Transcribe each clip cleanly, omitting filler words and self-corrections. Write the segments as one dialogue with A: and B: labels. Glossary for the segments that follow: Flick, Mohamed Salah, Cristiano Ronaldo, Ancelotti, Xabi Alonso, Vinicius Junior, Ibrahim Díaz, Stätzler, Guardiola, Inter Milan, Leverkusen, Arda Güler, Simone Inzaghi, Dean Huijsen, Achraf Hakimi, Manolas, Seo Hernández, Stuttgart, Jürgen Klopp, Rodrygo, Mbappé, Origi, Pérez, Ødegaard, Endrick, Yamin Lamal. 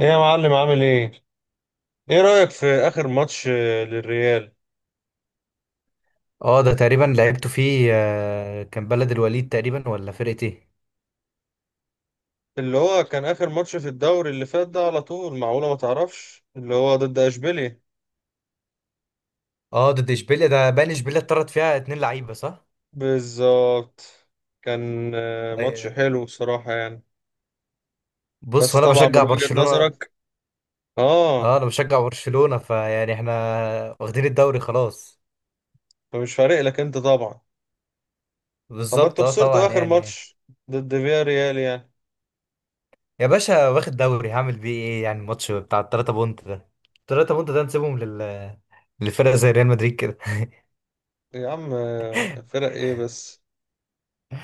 A: ايه يا معلم عامل ايه؟ ايه رأيك في آخر ماتش للريال؟
B: اه ده تقريبا لعبته فيه، كان بلد الوليد تقريبا، ولا فرقة ايه.
A: اللي هو كان آخر ماتش في الدوري اللي فات ده على طول، معقولة ما تعرفش؟ اللي هو ضد اشبيليا.
B: اه، ضد اشبيليا ده باين، اشبيليا اتطرد فيها اتنين لعيبة صح.
A: بالظبط. كان ماتش
B: أي-
A: حلو بصراحة يعني.
B: بص،
A: بس
B: وانا
A: طبعا من
B: بشجع
A: وجهة
B: برشلونة.
A: نظرك.
B: اه،
A: اه.
B: انا بشجع برشلونة، فيعني احنا واخدين الدوري خلاص.
A: فمش فارق لك انت طبعا. طب ما
B: بالظبط،
A: انتوا
B: اه طبعا
A: خسرتوا آخر
B: يعني.
A: ماتش ضد فيا ريال يعني.
B: يا باشا، واخد دوري هعمل بيه ايه؟ يعني الماتش بتاع التلاتة بونت ده، التلاتة بونت ده نسيبهم للفرقة زي ريال مدريد كده.
A: يا عم فرق ايه بس؟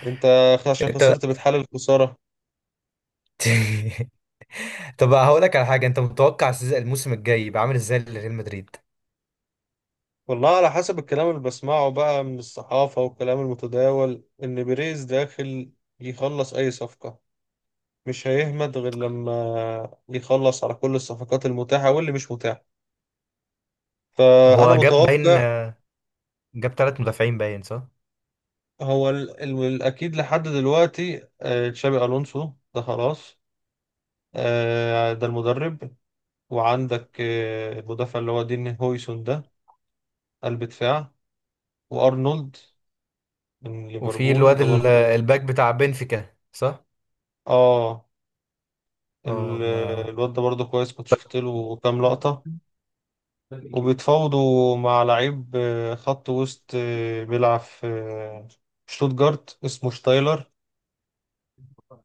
A: انت عشان
B: انت
A: خسرت بتحلل خسارة.
B: طب هقول لك على حاجة، انت متوقع الموسم الجاي يبقى عامل ازاي لريال مدريد؟
A: والله على حسب الكلام اللي بسمعه بقى من الصحافة والكلام المتداول، إن بيريز داخل يخلص أي صفقة، مش هيهمد غير لما يخلص على كل الصفقات المتاحة واللي مش متاحة. فأنا
B: هو جاب باين
A: متوقع.
B: جاب ثلاث مدافعين باين صح.
A: هو الأكيد لحد دلوقتي، تشابي ألونسو ده خلاص، ده المدرب. وعندك المدافع اللي هو دين هويسون ده، قلب دفاع. وأرنولد من
B: وفي
A: ليفربول
B: الواد
A: ده برضه.
B: الباك بتاع بنفيكا صح.
A: اه.
B: اه
A: ال-
B: ما
A: الواد ده برضه كويس، كنت شفت له كام لقطة. وبيتفاوضوا مع لعيب خط وسط، بيلعب في شتوتجارت، اسمه شتايلر.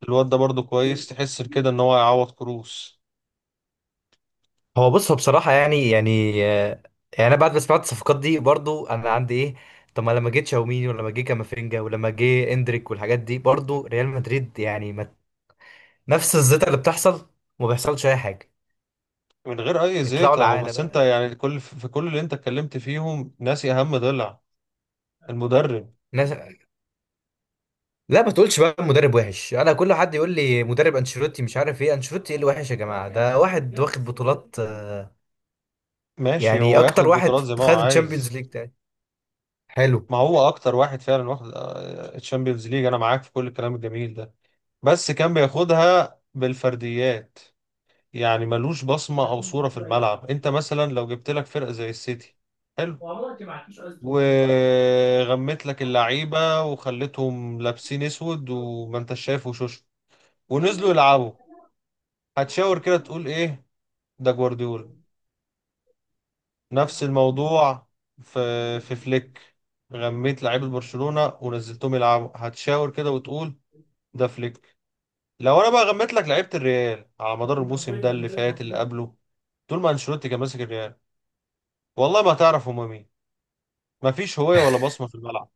A: الواد ده برضه كويس، تحس كده ان هو هيعوض كروس.
B: هو بص، هو بصراحة يعني يعني أنا بعد ما سمعت الصفقات دي برضو أنا عندي إيه؟ طب ما لما جه تشاوميني، ولما جه كامافينجا، ولما جه إندريك والحاجات دي، برضو ريال مدريد يعني ما نفس الزيطة اللي بتحصل، ما بيحصلش أي حاجة.
A: من غير اي
B: يطلعوا
A: زيطة اهو.
B: العالة
A: بس انت
B: بقى.
A: يعني في كل اللي انت اتكلمت فيهم ناسي اهم ضلع: المدرب.
B: ناس... لا، ما تقولش بقى مدرب وحش. أنا كل حد يقول لي مدرب أنشيلوتي مش عارف إيه، أنشيلوتي إيه اللي وحش يا جماعة؟ ده واحد واخد بطولات.
A: ماشي،
B: يعني
A: هو
B: اكتر
A: ياخد
B: واحد
A: بطولات زي ما هو
B: خد الشامبيونز
A: عايز.
B: ليج تاني، حلو.
A: ما هو اكتر واحد فعلا واخد الشامبيونز ليج، انا معاك في كل الكلام الجميل ده. بس كان بياخدها بالفرديات، يعني ملوش بصمة أو صورة في الملعب. أنت مثلا لو جبت لك فرقة زي السيتي، حلو، وغمت لك اللعيبة وخليتهم لابسين أسود وما أنت شايف وشوش ونزلوا يلعبوا، هتشاور كده تقول إيه؟ ده جوارديولا. نفس الموضوع في في فليك، غميت لعيبة برشلونة ونزلتهم يلعبوا هتشاور كده وتقول ده فليك. لو أنا بقى غميت لك لعيبة الريال على مدار الموسم ده اللي فات اللي قبله، طول ما أنشيلوتي كان ماسك الريال، والله ما هتعرف هما مين. ما فيش هوية ولا بصمة في الملعب.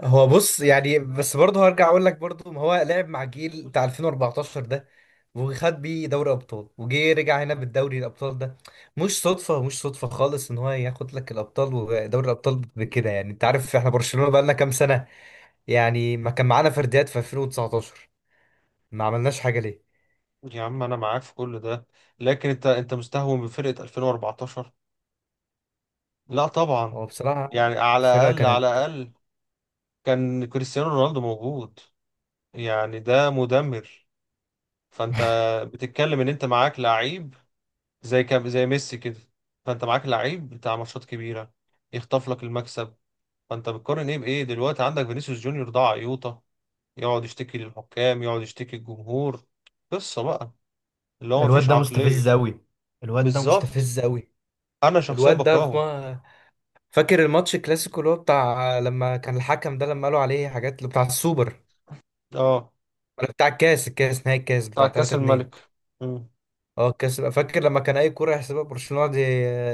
B: هو بص، يعني بس برضه هرجع اقول لك، برضه ما هو لعب مع جيل بتاع 2014 ده، وخد بيه دوري ابطال، وجي رجع هنا بالدوري الابطال ده. مش صدفه، مش صدفه خالص ان هو ياخد لك الابطال ودوري الابطال بكده. يعني انت عارف احنا برشلونه بقى لنا كام سنه، يعني ما كان معانا فرديات في 2019، ما عملناش حاجه ليه؟
A: يا عم أنا معاك في كل ده، لكن أنت مستهون بفرقة 2014. لا طبعا،
B: هو بصراحه
A: يعني على
B: الفرقه
A: الأقل
B: كانت.
A: على الأقل كان كريستيانو رونالدو موجود، يعني ده مدمر. فأنت بتتكلم إن أنت معاك لعيب زي كم، زي ميسي كده، فأنت معاك لعيب بتاع ماتشات كبيرة يخطف لك المكسب. فأنت بتقارن إيه بإيه؟ دلوقتي عندك فينيسيوس جونيور ده عيوطة، يقعد يشتكي للحكام، يقعد يشتكي للجمهور. قصة بقى اللي هو
B: الواد
A: مفيش
B: ده مستفز
A: عقلية.
B: قوي، الواد ده
A: بالظبط.
B: مستفز قوي.
A: انا شخصيا
B: الواد ده
A: بكرهه.
B: في فاكر الماتش الكلاسيكو، اللي هو بتاع لما كان الحكم ده لما قالوا عليه حاجات، اللي بتاع السوبر
A: اه.
B: ولا بتاع الكاس
A: بتاع
B: بتاع
A: كاس
B: 3-2؟
A: الملك. مم.
B: اه الكاس، فاكر لما كان اي كوره يحسبها برشلونه يقعد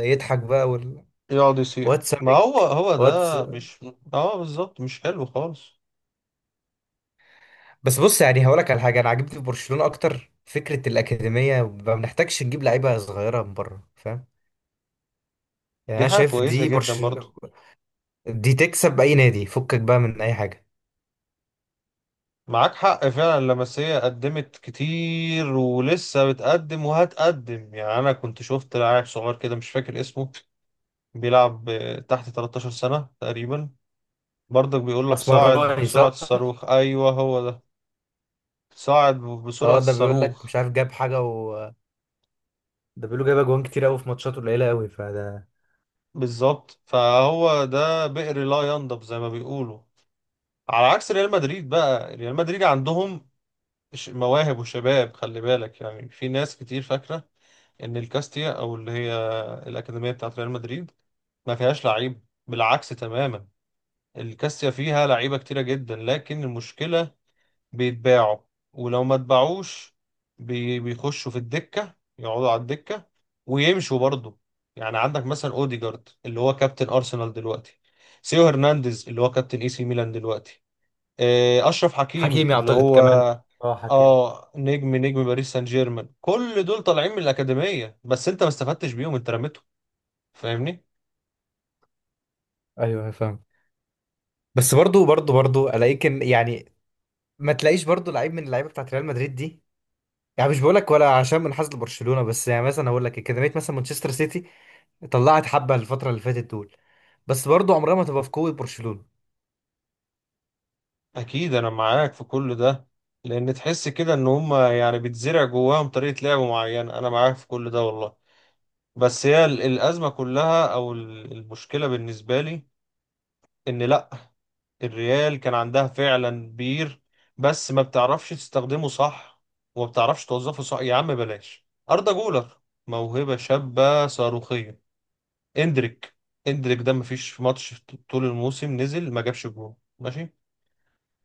B: يضحك بقى
A: يقعد يصيح،
B: واتس
A: ما هو هو
B: واتس.
A: ده مش. اه بالظبط، مش حلو خالص.
B: بس بص، يعني هقول لك على حاجه، انا عجبتني في برشلونه اكتر فكره الاكاديميه. ما بنحتاجش نجيب لعيبه صغيره من بره، فاهم؟ يعني
A: دي
B: انا
A: حاجة
B: شايف
A: كويسة
B: دي
A: جدا برضو.
B: برشلونه، دي تكسب اي نادي فكك بقى من اي حاجه.
A: معاك حق فعلا، لمسية قدمت كتير ولسه بتقدم وهتقدم. يعني انا كنت شفت لاعب صغير كده مش فاكر اسمه، بيلعب تحت 13 سنة تقريبا، برضك بيقول لك صاعد
B: اسمراني
A: بسرعة
B: صح.
A: الصاروخ. ايوه هو ده، صاعد بسرعة
B: اه ده بيقول لك
A: الصاروخ.
B: مش عارف جاب حاجه، ده بيقولوا جايب اجوان كتير قوي في ماتشات قليله قوي فده.
A: بالظبط، فهو ده بئر لا ينضب زي ما بيقولوا. على عكس ريال مدريد بقى، ريال مدريد عندهم مواهب وشباب، خلي بالك، يعني في ناس كتير فاكرة ان الكاستيا او اللي هي الأكاديمية بتاعت ريال مدريد ما فيهاش لعيب، بالعكس تماما. الكاستيا فيها لعيبة كتيرة جدا، لكن المشكلة بيتباعوا، ولو ما اتباعوش بيخشوا في الدكة، يقعدوا على الدكة ويمشوا برضه. يعني عندك مثلا اوديجارد اللي هو كابتن ارسنال دلوقتي، سيو هرنانديز اللي هو كابتن اي سي ميلان دلوقتي، اشرف حكيمي
B: حكيمي
A: اللي
B: اعتقد
A: هو
B: كمان. اه حكيم.
A: اه نجم باريس سان جيرمان. كل دول طالعين من الاكاديمية، بس انت ما استفدتش بيهم، انت رميتهم، فاهمني.
B: ايوه فاهم. بس برضو الاقيك يعني ما تلاقيش برضو لعيب من اللعيبه بتاعت ريال مدريد دي. يعني مش بقولك ولا عشان منحاز لبرشلونه، بس يعني مثلا اقول لك اكاديميه مثلا مانشستر سيتي، طلعت حبه الفتره اللي فاتت دول، بس برضو عمرها ما تبقى في قوه برشلونه.
A: اكيد انا معاك في كل ده، لان تحس كده ان هم يعني بتزرع جواهم طريقة لعب معينة، انا معاك في كل ده والله. بس هي الأزمة كلها أو المشكلة بالنسبة لي، إن لأ، الريال كان عندها فعلا بير، بس ما بتعرفش تستخدمه صح وما بتعرفش توظفه صح. يا عم بلاش أردا جولر، موهبة شابة صاروخية. إندريك، إندريك ده مفيش في ماتش طول الموسم نزل ما جابش جول، ماشي.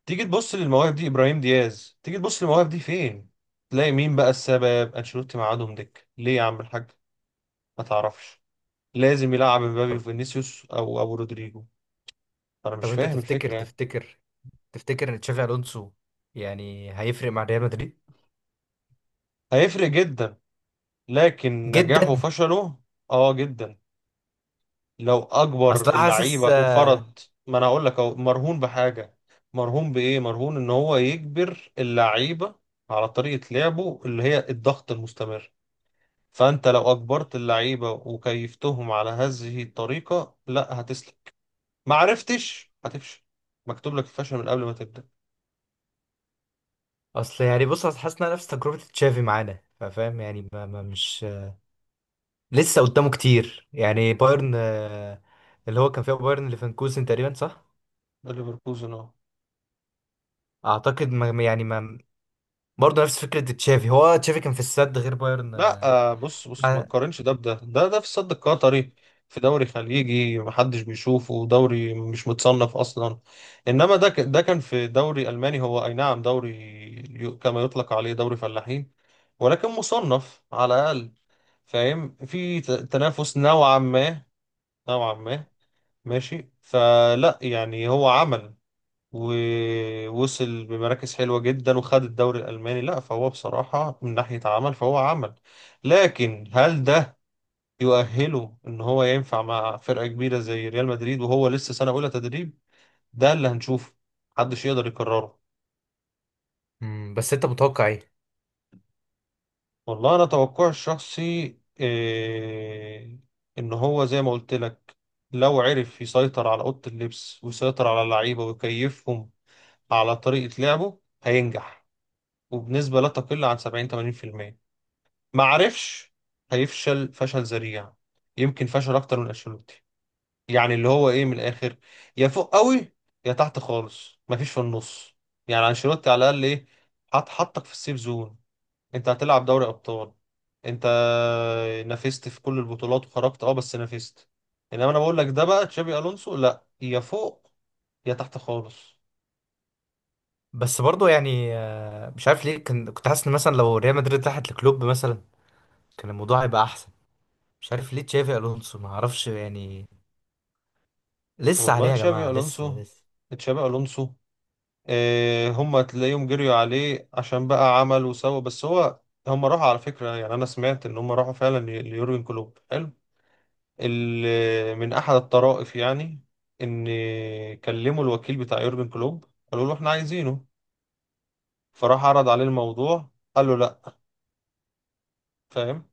A: تيجي تبص للمواهب دي، إبراهيم دياز، تيجي تبص للمواهب دي، فين تلاقي؟ مين بقى السبب؟ أنشيلوتي. معادهم دك ليه يا عم الحاج؟ ما تعرفش، لازم يلعب مبابي
B: طب
A: وفينيسيوس او ابو رودريجو. انا مش
B: طب انت
A: فاهم
B: تفتكر
A: الفكره يعني.
B: تفتكر تفتكر ان تشافي الونسو يعني هيفرق مع ريال مدريد؟
A: هيفرق جدا، لكن نجاحه
B: جدا.
A: وفشله اه جدا لو اجبر
B: اصل أنا حاسس،
A: اللعيبه وفرض. ما انا اقول لك اهو، مرهون بحاجه. مرهون بايه؟ مرهون ان هو يجبر اللعيبه على طريقه لعبه اللي هي الضغط المستمر. فانت لو اجبرت اللعيبه وكيفتهم على هذه الطريقه، لا هتسلك. ما عرفتش، هتفشل، مكتوب لك الفشل من قبل ما تبدا.
B: اصل يعني بص، أصل حاسس انها نفس تجربه تشافي معانا، فاهم؟ يعني ما ما مش لسه قدامه كتير. يعني بايرن، اللي هو كان فيها بايرن ليفركوزن تقريبا صح.
A: ده ليفركوزن اهو.
B: اعتقد ما برضه نفس فكره تشافي. هو تشافي كان في السد، غير بايرن.
A: لا، بص بص، ما
B: آه،
A: تقارنش ده بده، ده في السد القطري، في دوري خليجي محدش بيشوفه، دوري مش متصنف اصلا. انما ده كان في دوري الماني، هو اي نعم دوري، كما يطلق عليه دوري فلاحين، ولكن مصنف على الاقل، فاهم، في تنافس نوعا ما، نوعا ما. ماشي، فلا يعني هو عمل ووصل بمراكز حلوة جدا وخد الدوري الألماني، لا فهو بصراحة من ناحية عمل فهو عمل. لكن هل ده يؤهله إن هو ينفع مع فرقة كبيرة زي ريال مدريد وهو لسه سنة أولى تدريب؟ ده اللي هنشوفه، محدش يقدر يكرره.
B: مم، بس انت متوقع ايه؟
A: والله أنا توقعي الشخصي إيه؟ إن هو زي ما قلت لك، لو عرف يسيطر على أوضة اللبس ويسيطر على اللعيبة ويكيفهم على طريقة لعبه هينجح، وبنسبة لا تقل عن 70، 80%. ما عرفش، هيفشل فشل ذريع، يمكن فشل اكتر من انشيلوتي. يعني اللي هو ايه من الاخر، يا فوق قوي يا تحت خالص، مفيش في النص. يعني انشيلوتي على الاقل ايه؟ حطك في السيف زون، انت هتلعب دوري ابطال، انت نافست في كل البطولات وخرجت اه بس نافست. انما انا بقول لك ده بقى تشابي الونسو، لا، يا فوق يا تحت خالص.
B: بس برضه يعني مش عارف ليه، كان كنت حاسس ان مثلا لو ريال مدريد راحت لكلوب مثلا كان الموضوع هيبقى احسن. مش عارف ليه تشافي الونسو، ما اعرفش يعني. لسه عليه
A: والله
B: يا
A: تشابي
B: جماعه، لسه
A: الونسو،
B: لسه.
A: تشابي الونسو إيه؟ هم تلاقيهم جريوا عليه عشان بقى عمل وسوى، بس هو هم راحوا على فكرة. يعني أنا سمعت إن هم راحوا فعلا ليورجن كلوب، حلو. من أحد الطرائف يعني، إن كلموا الوكيل بتاع يورجن كلوب قالوا له إحنا عايزينه، فراح عرض عليه الموضوع قال له لأ، فاهم.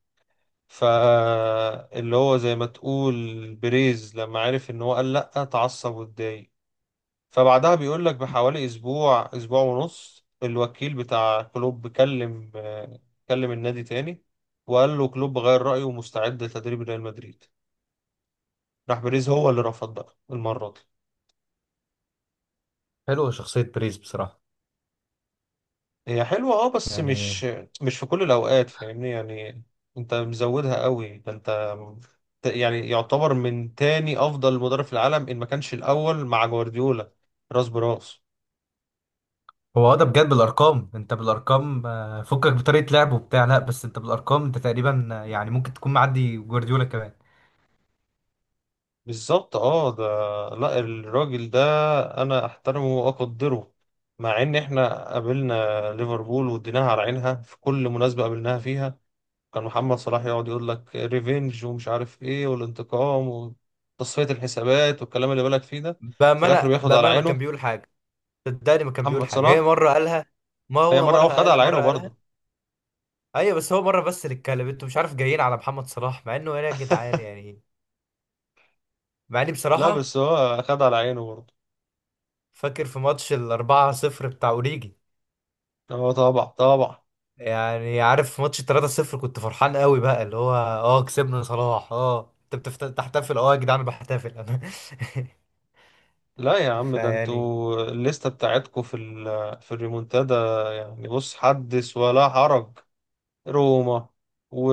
A: فاللي هو زي ما تقول بريز لما عرف إن هو قال لأ اتعصب واتضايق. فبعدها بيقول لك بحوالي اسبوع ونص، الوكيل بتاع كلوب كلم، كلم النادي تاني، وقال له كلوب غير رأيه ومستعد لتدريب ريال مدريد. راح بيريز هو اللي رفض بقى المرة دي.
B: حلوه شخصيه بريز بصراحه.
A: هي حلوة اه، بس
B: يعني
A: مش في كل الأوقات فاهمني يعني، انت مزودها قوي. ده انت يعني يعتبر من تاني أفضل مدرب في العالم إن ما كانش الأول مع جوارديولا، راس براس.
B: هو، اه ده بجد بالارقام، انت بالارقام فكك بطريقه لعب وبتاع، لا بس انت بالارقام انت تقريبا يعني ممكن تكون معدي جوارديولا كمان.
A: بالظبط اه ده، لا الراجل ده انا احترمه واقدره، مع ان احنا قابلنا ليفربول واديناها على عينها في كل مناسبة قابلناها فيها، كان محمد صلاح يقعد يقول لك ريفينج ومش عارف ايه والانتقام وتصفية الحسابات والكلام اللي بالك فيه ده، في الاخر
B: بامانه
A: بياخد على
B: بامانه ما كان
A: عينه.
B: بيقول حاجه، صدقني ما كان بيقول
A: محمد
B: حاجه، هي
A: صلاح
B: مره قالها. ما
A: هي
B: هو
A: مرة
B: مره
A: هو خد
B: قال،
A: على عينه
B: مره قالها.
A: برضه.
B: ايوه بس هو مره، بس اللي اتكلم انتوا مش عارف جايين على محمد صلاح، مع انه ايه يا جدعان يعني؟ مع اني
A: لا
B: بصراحه
A: بس هو خد على عينه برضه.
B: فاكر في ماتش ال 4-0 بتاع اوريجي.
A: اه طبعا طبعا.
B: يعني عارف في ماتش 3-0 كنت فرحان قوي بقى، اللي هو اه كسبنا صلاح. اه انت بتحتفل، اه يا جدعان، بحتفل انا
A: لا يا عم ده
B: فيعني
A: انتوا الليستة بتاعتكوا في الريمونتادا يعني، بص حدث ولا حرج. روما و...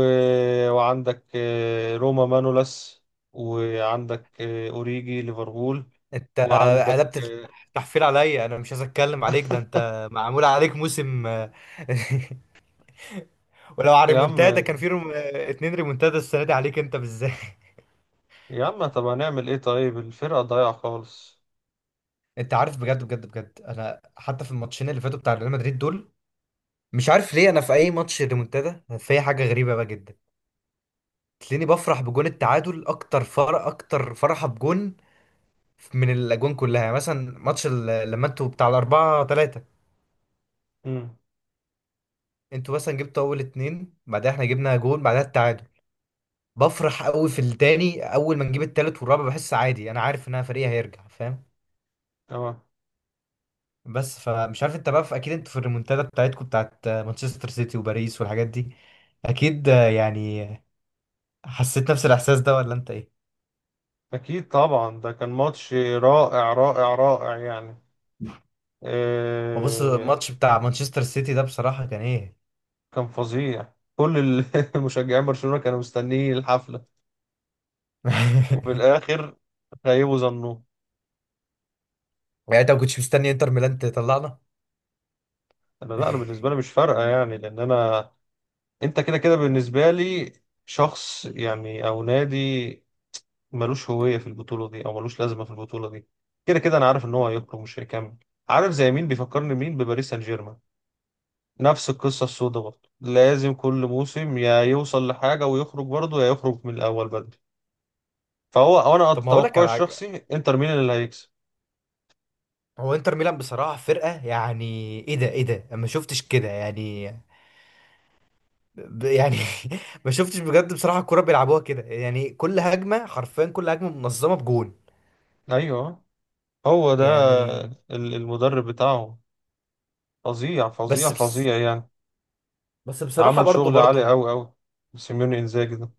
A: وعندك روما مانولاس، وعندك اوريجي ليفربول،
B: انت
A: وعندك
B: قلبت التحفيل عليا، انا مش عايز اتكلم عليك، ده انت معمول عليك موسم ولو على
A: يا عم،
B: ريمونتادا كان في اتنين ريمونتادا السنه دي عليك انت بالذات
A: يا عم طب هنعمل ايه؟ طيب، الفرقة ضايعة خالص.
B: انت عارف، بجد بجد بجد، انا حتى في الماتشين اللي فاتوا بتاع ريال مدريد دول مش عارف ليه، انا في اي ماتش ريمونتادا في حاجه غريبه بقى جدا، تلاقيني بفرح بجون التعادل اكتر اكتر فرحه بجون من الاجوان كلها. يعني مثلا ماتش لما انتوا بتاع 4-3،
A: امم.
B: انتوا مثلا جبتوا اول اتنين، بعدها احنا جبنا جون، بعدها التعادل، بفرح قوي في التاني. اول ما نجيب التالت والرابع بحس عادي، انا عارف ان انا فريقي هيرجع، فاهم؟
A: تمام.
B: بس فمش عارف انت بقى اكيد انتوا في الريمونتادا بتاعتكم بتاعت مانشستر سيتي وباريس والحاجات دي، اكيد يعني حسيت نفس الاحساس ده ولا انت ايه؟
A: اكيد طبعا ده كان ماتش رائع رائع رائع يعني.
B: هو بص،
A: آه،
B: الماتش بتاع مانشستر سيتي ده بصراحة كان ايه
A: كان فظيع، كل مشجعين برشلونة كانوا مستنيين الحفلة، وفي الآخر خيبوا ظنهم.
B: يعني انت ما كنتش مستني انتر ميلان تطلعنا.
A: لا، أنا بالنسبة لي مش فارقة يعني، لأن أنا. أنت كده كده بالنسبة لي شخص يعني أو نادي ملوش هوية في البطولة دي أو ملوش لازمة في البطولة دي. كده كده أنا عارف إن هو هيخرج مش هيكمل. عارف زي مين بيفكرني مين؟ بباريس سان جيرمان، نفس القصة السوداء برضه، لازم كل موسم يا يوصل لحاجة ويخرج برضه، يا يخرج من الأول بدري. فهو، أو أنا
B: طب ما هقول لك
A: أتوقع
B: على حاجة،
A: الشخصي، إنتر ميلان اللي هيكسب.
B: هو انتر ميلان بصراحة فرقة يعني ايه ده، ايه ده، أنا ما شفتش كده. يعني يعني ما شفتش بجد، بصراحة الكرة بيلعبوها كده يعني كل هجمة حرفيا، كل هجمة منظمة بجون،
A: ايوه هو ده،
B: يعني.
A: المدرب بتاعهم فظيع فظيع
B: بس بس,
A: فظيع يعني،
B: بس بصراحة
A: عمل
B: برضو
A: شغل عالي
B: برضو
A: قوي قوي، سيميوني انزاجي ده.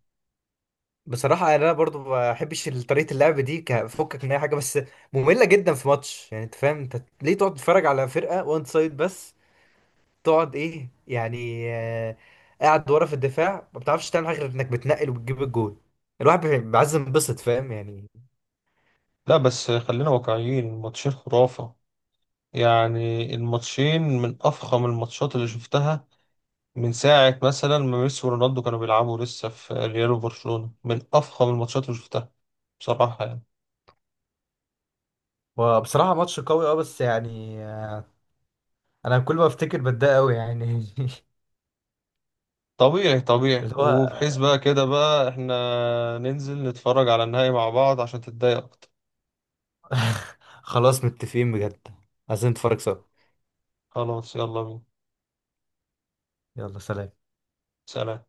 B: بصراحة يعني انا برضو ما بحبش طريقة اللعب دي، كفكك من اي حاجة، بس مملة جدا. في ماتش يعني انت فاهم انت ليه تقعد تتفرج على فرقة وان سايد بس؟ تقعد ايه يعني، آه قاعد ورا في الدفاع، ما بتعرفش تعمل حاجة غير انك بتنقل وبتجيب الجون. الواحد بيبقى عايز ينبسط، فاهم يعني.
A: لا بس خلينا واقعيين، الماتشين خرافة يعني. الماتشين من افخم الماتشات اللي شفتها من ساعة مثلا ما ميسي ورونالدو كانوا بيلعبوا لسه في ريال وبرشلونة، من افخم الماتشات اللي شفتها بصراحة يعني.
B: وبصراحة ماتش قوي، اه بس يعني انا كل ما افتكر بتضايق قوي يعني
A: طبيعي طبيعي،
B: اللي هو
A: وبحيث بقى كده بقى احنا ننزل نتفرج على النهائي مع بعض عشان تتضايق اكتر.
B: خلاص متفقين بجد، عايزين نتفرج سوا.
A: خلاص يلا بينا.
B: يلا سلام.
A: سلام.